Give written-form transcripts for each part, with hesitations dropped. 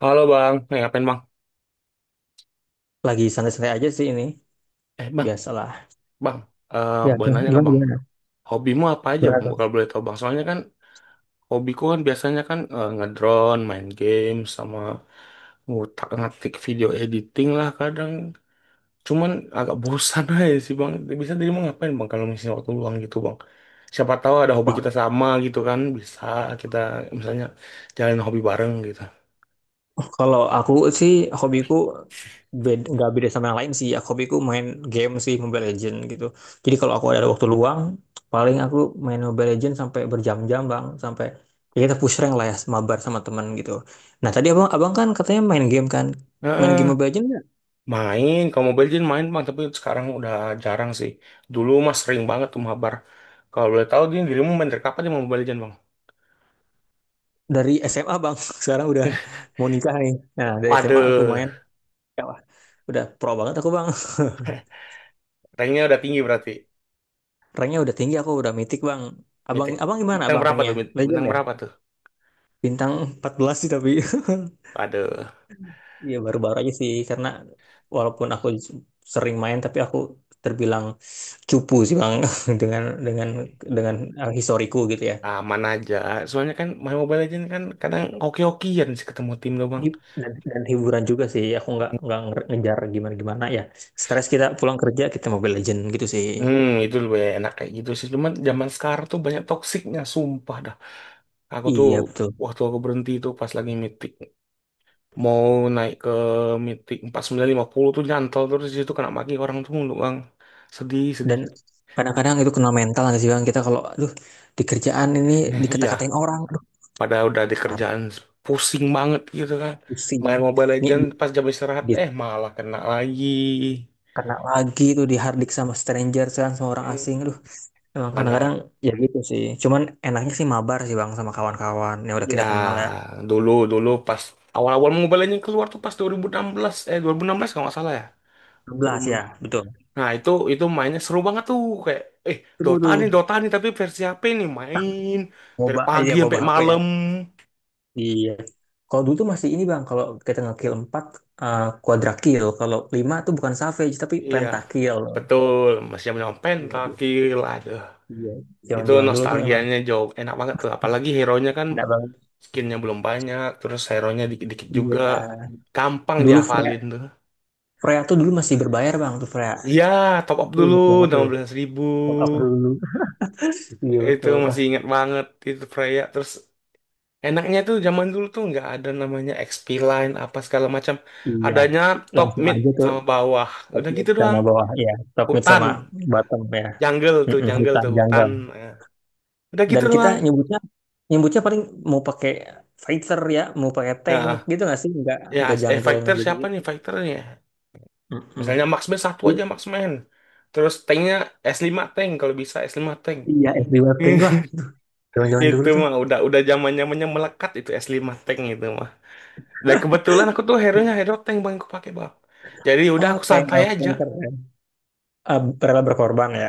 Halo bang, eh, ngapain bang? Lagi santai-santai aja sih ini. Eh bang, Biasalah. bang, eh Ya, boleh gimana, nanya nggak gimana, bang? gimana. Hobimu apa aja Gimana bang? tuh? Bakal boleh tahu bang. Soalnya kan hobiku kan biasanya kan eh, ngedrone, main game, sama ngutak ngatik video editing lah kadang. Cuman agak bosan aja sih bang. Bisa jadi mau ngapain bang kalau misalnya waktu luang gitu bang? Siapa tahu ada hobi kita Wah, sama gitu kan? Bisa kita misalnya jalanin hobi bareng gitu. kalau aku sih hobiku beda, nggak beda sama yang lain sih. Ya, hobiku main game sih, Mobile Legend gitu. Jadi kalau aku ada waktu luang, paling aku main Mobile Legend sampai berjam-jam bang, sampai ya kita push rank lah ya, mabar sama teman gitu. Nah tadi abang kan katanya main game kan, main game Heeh. Mobile Legend nggak? Main, kalau Mobile Legends main bang, tapi sekarang udah jarang sih. Dulu mah sering banget tuh mabar. Kalau boleh tahu, dia dirimu main dari kapan dia mau Mobile Legends bang? Dari SMA bang. Sekarang udah mau nikah nih. Nah dari SMA aku Waduh, main, ya, wah, udah pro banget aku bang. ranknya udah tinggi berarti. Ranknya udah tinggi, aku udah mythic bang. Abang, Mitik. abang gimana Bintang abang berapa ranknya? tuh? Legend Bintang ya? berapa tuh? Bintang 14 sih tapi. Waduh, Iya baru-baru aja sih, karena walaupun aku sering main, tapi aku terbilang cupu sih bang dengan dengan dengan historiku gitu ya. aman aja. Soalnya kan main Mobile Legends kan kadang oke-okean sih ketemu tim tuh bang. Dan hiburan juga sih, aku nggak ngejar gimana-gimana ya. Stres kita pulang kerja kita Mobile Legend gitu sih. Hmm, itu lebih enak kayak gitu sih. Cuman zaman sekarang tuh banyak toksiknya, sumpah dah. Aku tuh Iya betul. waktu aku berhenti itu pas lagi mitik. Mau naik ke mitik 49 50 tuh nyantol terus di situ, kena maki orang tuh mulu bang, sedih sedih. Dan kadang-kadang itu kena mental nggak sih bang, kita kalau, aduh, di kerjaan ini Nah, iya, dikata-katain orang, aduh pada udah di kerjaan pusing banget gitu kan, pusing. main Mobile Ini Legends pas jam istirahat di, eh malah kena lagi. kena lagi tuh di harddik sama stranger kan, sama orang Eh, asing, aduh. Emang mana kadang-kadang lagi ya gitu sih, cuman enaknya sih mabar sih bang, sama kawan-kawan yang udah ya, kita kenal ya. dulu dulu pas awal-awal Mobile Legends keluar tuh pas 2016 kalau nggak salah ya. 16 ya, 2006. betul. Nah itu mainnya seru banget tuh, kayak eh Seru tuh Dota nih tapi versi HP nih, main dari moba, pagi iya, sampai moba HP ya, malam. iya. Kalau dulu tuh masih ini bang, kalau kita ngekill 4, eh, quadra kill, kalau 5 tuh bukan savage tapi Iya, pentakill. betul. Masih zaman Iya, iya, pentakil, kill, aduh. iya. Itu Zaman-zaman dulu tuh emang nostalgianya jauh enak banget tuh. Apalagi hero-nya kan enak banget, skinnya belum banyak, terus hero-nya dikit-dikit iya. juga. Gampang Dulu Freya. dihafalin tuh. Freya tuh dulu masih berbayar bang, tuh Freya. Iya, top up Aku dulu, ingat banget enam tuh, belas ribu. top up dulu. Iya Itu betul. Ah, masih ingat banget, itu Freya. Terus enaknya tuh zaman dulu tuh nggak ada namanya XP line, apa segala macam. iya, Adanya top langsung mid aja tuh, sama bawah. top Udah mid gitu sama doang. bawah ya, top mid Hutan, sama bottom ya. Mm-mm, jungle hutan tuh, hutan. jungle. Nah, udah gitu Dan kita doang. nyebutnya nyebutnya paling mau pakai fighter ya, mau pakai tank Nah, gitu nggak sih? Ya, Nggak eh jungle nggak fighter gitu siapa gitu. nih fighternya? Mm-mm. Misalnya Maxman satu Tuh, aja Maxman. Terus tanknya s lima tank kalau bisa s lima tank. iya, SD Warting, wah, zaman-zaman dulu Itu tuh. mah udah zaman zamannya melekat itu s lima tank itu mah. Dan kebetulan aku tuh hero-nya hero tank bang aku pakai bang. Jadi udah aku santai Oh, aja. tank keren. Ah, rela berkorban ya,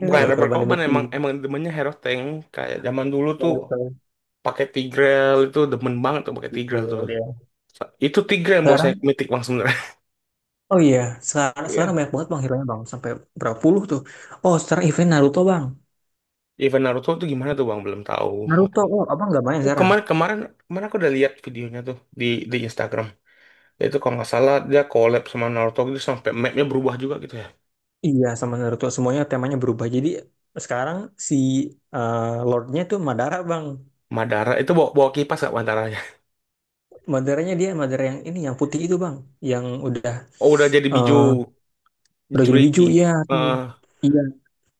rela Bukan rubber berkorban demi korban, tim. emang emang demennya hero tank, kayak zaman dulu tuh Rela berkorban. pakai Tigreal itu demen banget tuh pakai Gitu, Tigreal tuh. ya. Itu Tigreal yang buat saya Sekarang, mitik bang sebenarnya. oh iya, sekarang, Iya. banyak banget bang hero bang, sampai berapa puluh tuh. Oh, sekarang event Naruto bang. Event Naruto tuh gimana tuh bang, belum tahu. Naruto, oh, abang nggak main Oh, sekarang? kemarin kemarin kemarin aku udah lihat videonya tuh di Instagram. Itu kalau nggak salah dia collab sama Naruto gitu sampai mapnya berubah juga gitu ya. Iya, sama Naruto semuanya temanya berubah. Jadi sekarang si eh, Lordnya tuh Madara, bang. Madara itu bawa, bawa kipas gak Madaranya? Madaranya dia Madara yang ini, yang putih itu, bang. Yang Oh udah jadi Biju eh, udah jadi biju, Jinchuriki. iya tuh. Eh, Iya,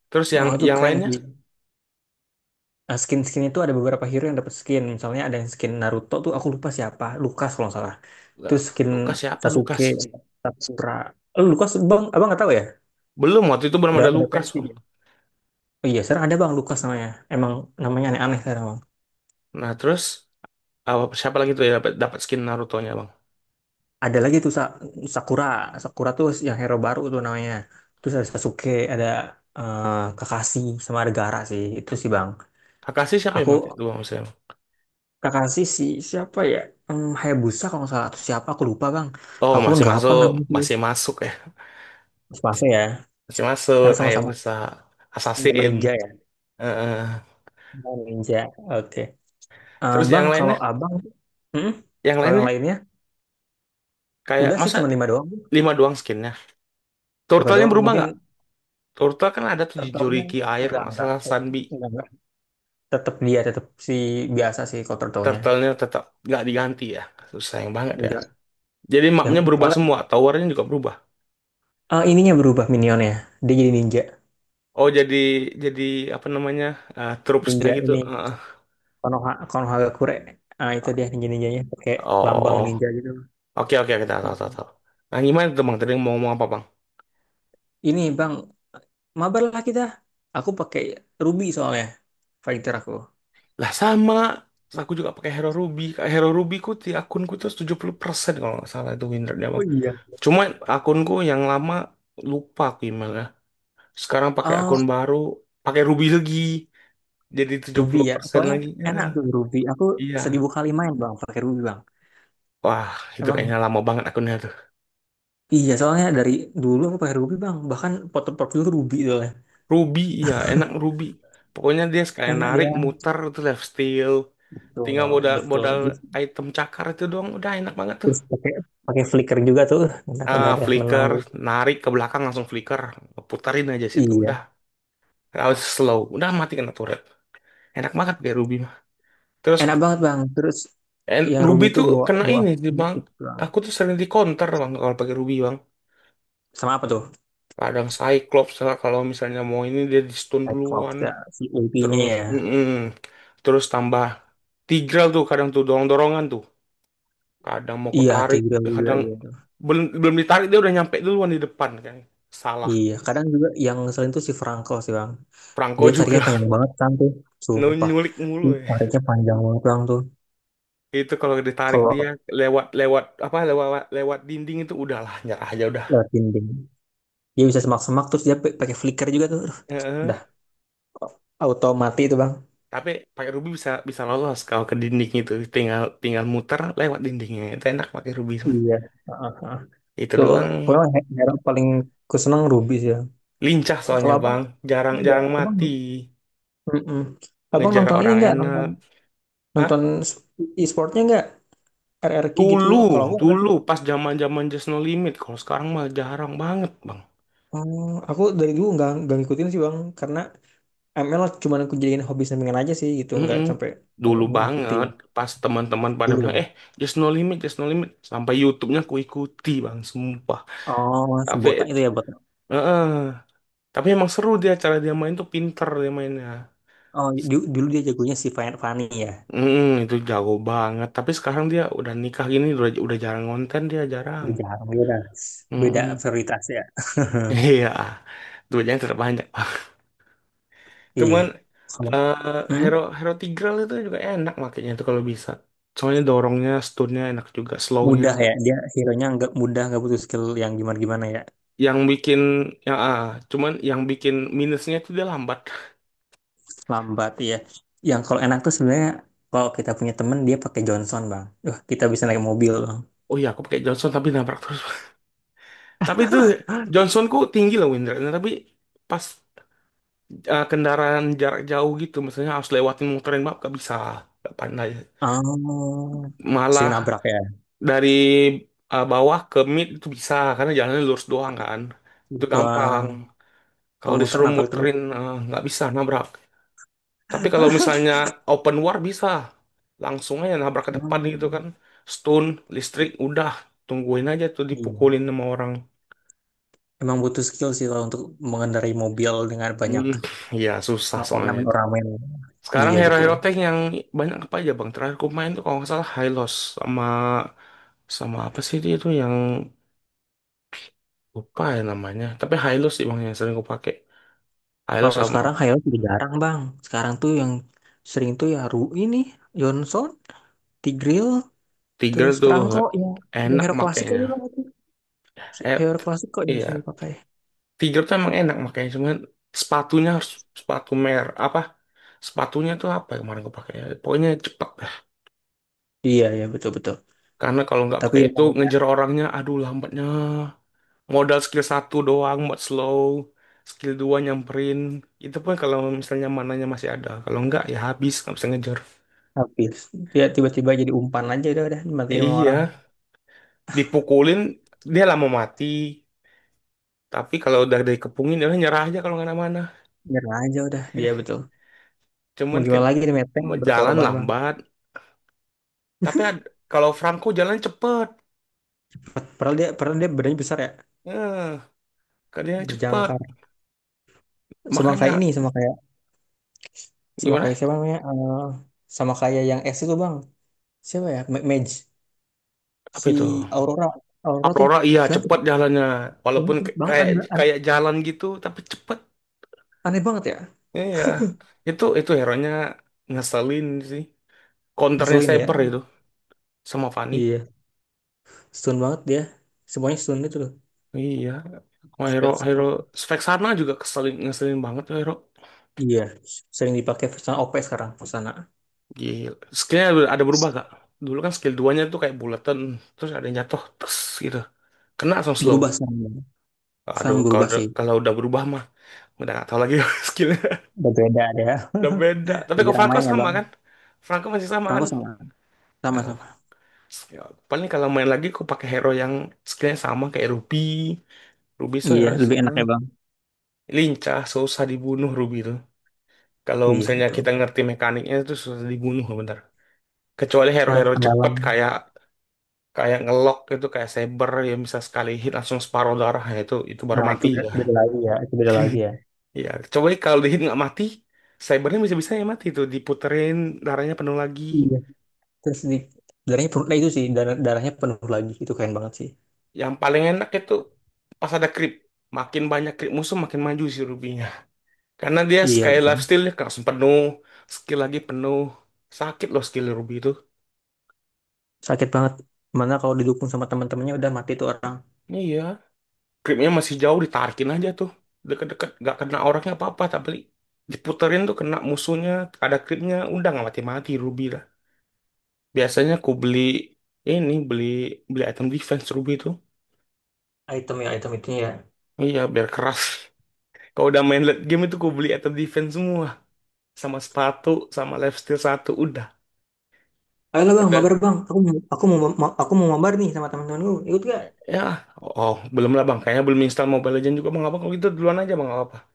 terus yang oh, itu yang keren lainnya. sih. Nah, skin-skin itu ada beberapa hero yang dapat skin. Misalnya ada yang skin Naruto tuh aku lupa siapa, Lukas kalau nggak salah. Lah, Terus skin Lukas siapa Lukas? Sasuke, Sakura. Eh, Lukas, bang, abang nggak tahu ya? Belum, waktu itu belum Udah ada udah Lukas pensi bang. dia. Oh iya, sekarang ada bang Lukas namanya. Emang namanya aneh-aneh sekarang. Nah, terus apa siapa lagi tuh ya dapat dapat skin Naruto-nya bang? Ada lagi tuh Sa- Sakura Sakura tuh yang hero baru tuh namanya. Terus ada Sasuke, ada eh, Kakashi, sama ada Gaara sih, itu sih bang. Kakashi siapa yang Aku pakai tuh bang maksudnya? Kakashi si, siapa ya, Hayabusa kalau nggak salah, atau siapa aku lupa bang. Oh Aku pun masih nggak hafal masuk, namanya tuh, masih masuk ya, Tsubasa ya, masih masuk karena sama-sama, Hayabusa. sama Assassin. ninja ya. Eh, eh, Sama ninja, oke. Eh terus bang, yang lainnya. kalau abang, hmm? Yang Kalau yang lainnya lainnya kayak udah sih, masa cuma lima doang Bang. lima doang skinnya? Lima Turtle-nya doang berubah mungkin nggak? Turtle kan ada tuh turtle. enggak Jinchuriki air kalau nggak enggak salah Sunbi. enggak, tetap dia, tetap si biasa sih kalau turtle. Turtle-nya tetap nggak diganti ya. Sayang banget ya. Enggak. Jadi Yang mapnya berubah bahkan, semua, towernya juga berubah. Ininya berubah minionnya. Dia jadi ninja. Oh jadi apa namanya, eh, troops-nya Ninja gitu. ini Heeh. Konoha Konohagakure. Ah, itu dia ninja-ninjanya pakai lambang Oh ninja gitu. oke oke, kita tahu tahu Mm-mm. tahu. Nah gimana tuh bang? Tadi mau ngomong apa bang? Ini Bang, mabar lah kita. Aku pakai Ruby soalnya, fighter aku. Lah sama, terus aku juga pakai Hero Ruby. Kayak Hero Ruby ku di akunku tuh 70% kalau nggak salah itu win rate-nya, Oh Bang. iya. Cuma akunku yang lama lupa aku emailnya. Sekarang pakai Oh, akun baru, pakai Ruby lagi. Jadi Ruby ya. 70% Soalnya lagi. enak Ya, tuh Ruby. Aku iya. seribu kali main Bang pakai Ruby Bang. Wah, itu Emang kayaknya lama banget akunnya tuh. iya, soalnya dari dulu aku pakai Ruby Bang. Bahkan foto profil Ruby soalnya. Ruby, iya, enak Ruby. Pokoknya dia sekalian Enak narik, dia. muter, itu left steal. Betul, Tinggal modal betul. modal Terus, item cakar itu doang udah enak banget tuh. terus pakai pakai flicker juga tuh. Enak udah Ah, deh menang. flicker, narik ke belakang langsung flicker, putarin aja situ. Iya, Udah, harus slow. Udah mati kena turret. Enak banget kayak Ruby mah. Terus enak banget Bang. Terus and yang Ruby Ruby itu tuh bawa kena bawa ini di bang. musik Bang. Aku tuh sering di counter bang kalau pakai Ruby bang. Sama apa tuh? Kadang Cyclops lah, kalau misalnya mau ini dia di stun Cyclops duluan. ya, si OP-nya Terus, ya. mm-mm. Terus tambah Tigreal tuh, kadang tuh dorong-dorongan tuh. Kadang mau ku Iya, tarik, Tigra juga kadang iya. belum belum ditarik dia udah nyampe duluan di depan kan. Salah. Iya, kadang juga yang selain itu si Frankel sih Bang. Franco Dia juga tariknya panjang banget kan tuh, sumpah. nyulik Dia mulu. Ya. tariknya panjang banget Bang tuh. Itu kalau ditarik Kalau dia lewat, lewat apa, lewat lewat dinding itu udahlah nyerah aja udah. lewat dinding, dia bisa semak-semak, terus dia pakai flicker juga tuh. Aduh, Heeh. udah, auto mati itu Bang. Tapi pakai rubi bisa bisa lolos, kalau ke dinding itu tinggal tinggal muter lewat dindingnya itu, enak pakai rubi Mas. Iya. Heeh, heeh. Itu Tuh, doang, pokoknya hero paling ku seneng Ruby sih, Bang. lincah soalnya Kalau abang, Bang, jarang enggak, jarang abang, mati, mm-mm. Abang ngejar nonton ini orang nggak, enak. nonton Hah? nonton e-sportnya nggak, R R RRQ gitu, Dulu, kalau aku nggak sih dulu bang. pas zaman-zaman Just No Limit. Kalau sekarang mah jarang banget, Bang. Oh, aku dari dulu nggak ngikutin sih bang, karena ML cuma aku jadiin hobi sampingan aja sih gitu, nggak Mm-mm. sampai kayak Dulu ngikutin, banget pas teman-teman pada dulu bilang ya. eh just no limit, just no limit, sampai YouTube-nya ku ikuti bang sumpah, Oh, si tapi botak itu ya, botak. eh tapi emang seru dia, cara dia main tuh pinter dia mainnya. Oh, dulu dia jagonya si Fanny ya. Mm-mm, itu jago banget, tapi sekarang dia udah nikah gini udah jarang konten dia, jarang. Udah jarang, beda, beda Mm-mm. prioritas ya. Iya, duitnya tetap banyak. Iya, Cuman, kalau, eh, Hero mm-mm. Hero Tigreal itu juga enak makanya itu kalau bisa, soalnya dorongnya stunnya enak, juga slownya, Mudah ya dia hero-nya, nggak mudah, nggak butuh skill yang gimana gimana ya. yang bikin yang ah, cuman yang bikin minusnya itu dia lambat. Lambat ya. Yang kalau enak tuh sebenarnya, kalau kita punya temen dia pakai Johnson bang. Wah, kita bisa naik mobil bang. Oh iya, aku pakai Johnson tapi nabrak terus. Tapi itu Johnsonku tinggi loh windranya, tapi pas eh, kendaraan jarak jauh gitu, misalnya harus lewatin muterin map gak bisa, gak pandai. Oh, Malah sering nabrak ya. dari eh, bawah ke mid itu bisa karena jalannya lurus doang kan, itu Gitu, Bang. gampang. Kalau Kalau muter, disuruh nabrak terus. muterin eh, nggak bisa, nabrak. Tapi kalau misalnya open war bisa, langsung aja nabrak ke depan gitu Hmm. kan. Stun, listrik, udah tungguin aja tuh Iya. dipukulin sama orang. Emang butuh skill sih kalau untuk mengendarai mobil dengan banyak Hmm, ya susah soalnya itu. ornamen-ornamen. Sekarang Iya betul. hero-hero tank yang banyak apa aja bang? Terakhir ku main tuh kalau nggak salah Hylos, sama sama apa sih dia itu yang lupa ya namanya. Tapi Hylos sih bang yang sering ku pakai. Hylos Kalau sama sekarang Hilux udah jarang bang. Sekarang tuh yang sering tuh ya ini Johnson, Tigreal, Tiger terus tuh Prangko ya. enak Hero-hero klasik aja makainya. bang itu. Eh, Hero t- klasik kok yang sini iya, pakai. Tiger tuh emang enak makanya cuman sepatunya harus sepatu mer apa, sepatunya tuh apa yang kemarin gue pakai ya? Pokoknya cepet dah, Iya, ya betul-betul. karena kalau nggak Tapi pakai ya itu ngejar namanya orangnya aduh lambatnya, modal skill satu doang buat slow, skill dua nyamperin, itu pun kalau misalnya mananya masih ada, kalau nggak ya habis, nggak bisa ngejar. habis. Dia tiba-tiba jadi umpan aja, udah dimatiin sama orang. Iya, dipukulin dia lama mati, tapi kalau udah dikepungin dia nyerah aja kalau nggak ada mana. Nyerah aja udah dia, betul. Mau Cuman kan gimana lagi nih, Meteng jalan berkorban bang. lambat, tapi kalau Franco jalan cepet. Padahal dia badannya besar ya, Eh, kerjanya cepat. berjangkar. Sama Makanya kayak ini, sama kayak, sama gimana? kayak siapa namanya? Eh, sama kayak yang S itu bang. Siapa ya? Mage. Apa Si itu? Aurora. Aurora tuh Aurora iya gila tuh. cepat jalannya. Walaupun Banget kayak aneh, aneh, kayak jalan gitu tapi cepat. aneh banget ya. Iya. Itu hero-nya ngeselin sih. Counternya Ngeselin Saber ya. itu sama Fanny. Iya, stun banget dia. Semuanya stun itu loh. Iya, sama hero hero Skill-skill. spek sana juga keselin, ngeselin banget tuh hero. Iya, sering dipakai pesan OP sekarang, Pesana. Gila. Skillnya ada berubah gak? Dulu kan skill duanya nya tuh kayak bulatan, terus ada yang jatuh, terus gitu. Kena langsung slow. Berubah sekarang, Bang. Aduh, Sekarang kalau berubah udah, sih. kalau udah berubah mah udah gak tau lagi skill. Berbeda ada ya. Udah beda. Tapi kok Jarang Franco main ya, sama Bang. kan? Franco masih sama kan? Perangku sama. Nah, Sama-sama. ya, paling kalau main lagi aku pakai hero yang skillnya sama kayak Ruby. Ruby so Iya, hero lebih enak ya, sama. Bang. Lincah, susah dibunuh Ruby itu. Kalau Iya, misalnya betul. kita ngerti mekaniknya itu susah dibunuh bentar. Kecuali Herop hero-hero ada, cepet Bang. kayak kayak ngelok itu, kayak Saber yang bisa sekali hit langsung separuh darah, ya itu baru Nah, itu mati beda, ya. beda lagi ya. Itu beda lagi ya. Ya, coba kalau di hit nggak mati, Cybernya bisa-bisa ya mati tuh diputerin, darahnya penuh lagi. Iya. Terus di darahnya penuh, nah itu sih, darahnya penuh lagi. Itu keren banget sih. Yang paling enak itu pas ada creep. Makin banyak creep musuh makin maju si Rubinya. Karena dia Iya, sekali life betul. steal-nya langsung penuh. Skill lagi penuh. Sakit loh skill Ruby itu. Sakit banget. Mana kalau didukung sama teman-temannya udah mati tuh orang. Iya. Creepnya masih jauh ditarikin aja tuh. Deket-deket gak kena orangnya apa-apa. Tapi diputerin tuh kena musuhnya. Ada creepnya. Udah gak mati-mati Ruby lah. Biasanya aku beli ini. Beli beli item defense Ruby itu. Item ya, item itu ya. Iya biar keras. Kalau udah main late game itu aku beli item defense semua. Sama sepatu. Sama lifesteal satu. Udah. Ayolah bang, Udah. mabar bang. Aku mau mabar nih sama teman-temanku. Ikut gak? Ya, oh, belum lah bang. Kayaknya belum install Mobile Legends juga bang. Apa kalau gitu duluan aja bang, nggak apa-apa.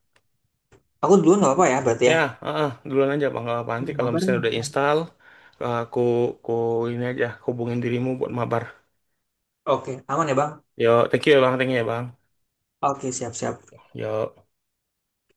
Aku duluan nggak apa-apa ya berarti Ya, ya. heeh, duluan aja bang, nggak apa-apa. Nanti Sama kalau bareng, misalnya udah ya. install, aku, aku ini aja, hubungin dirimu buat mabar. Oke, aman ya Bang? Yo, thank you ya bang, thank you ya bang. Oke, siap-siap. Yo.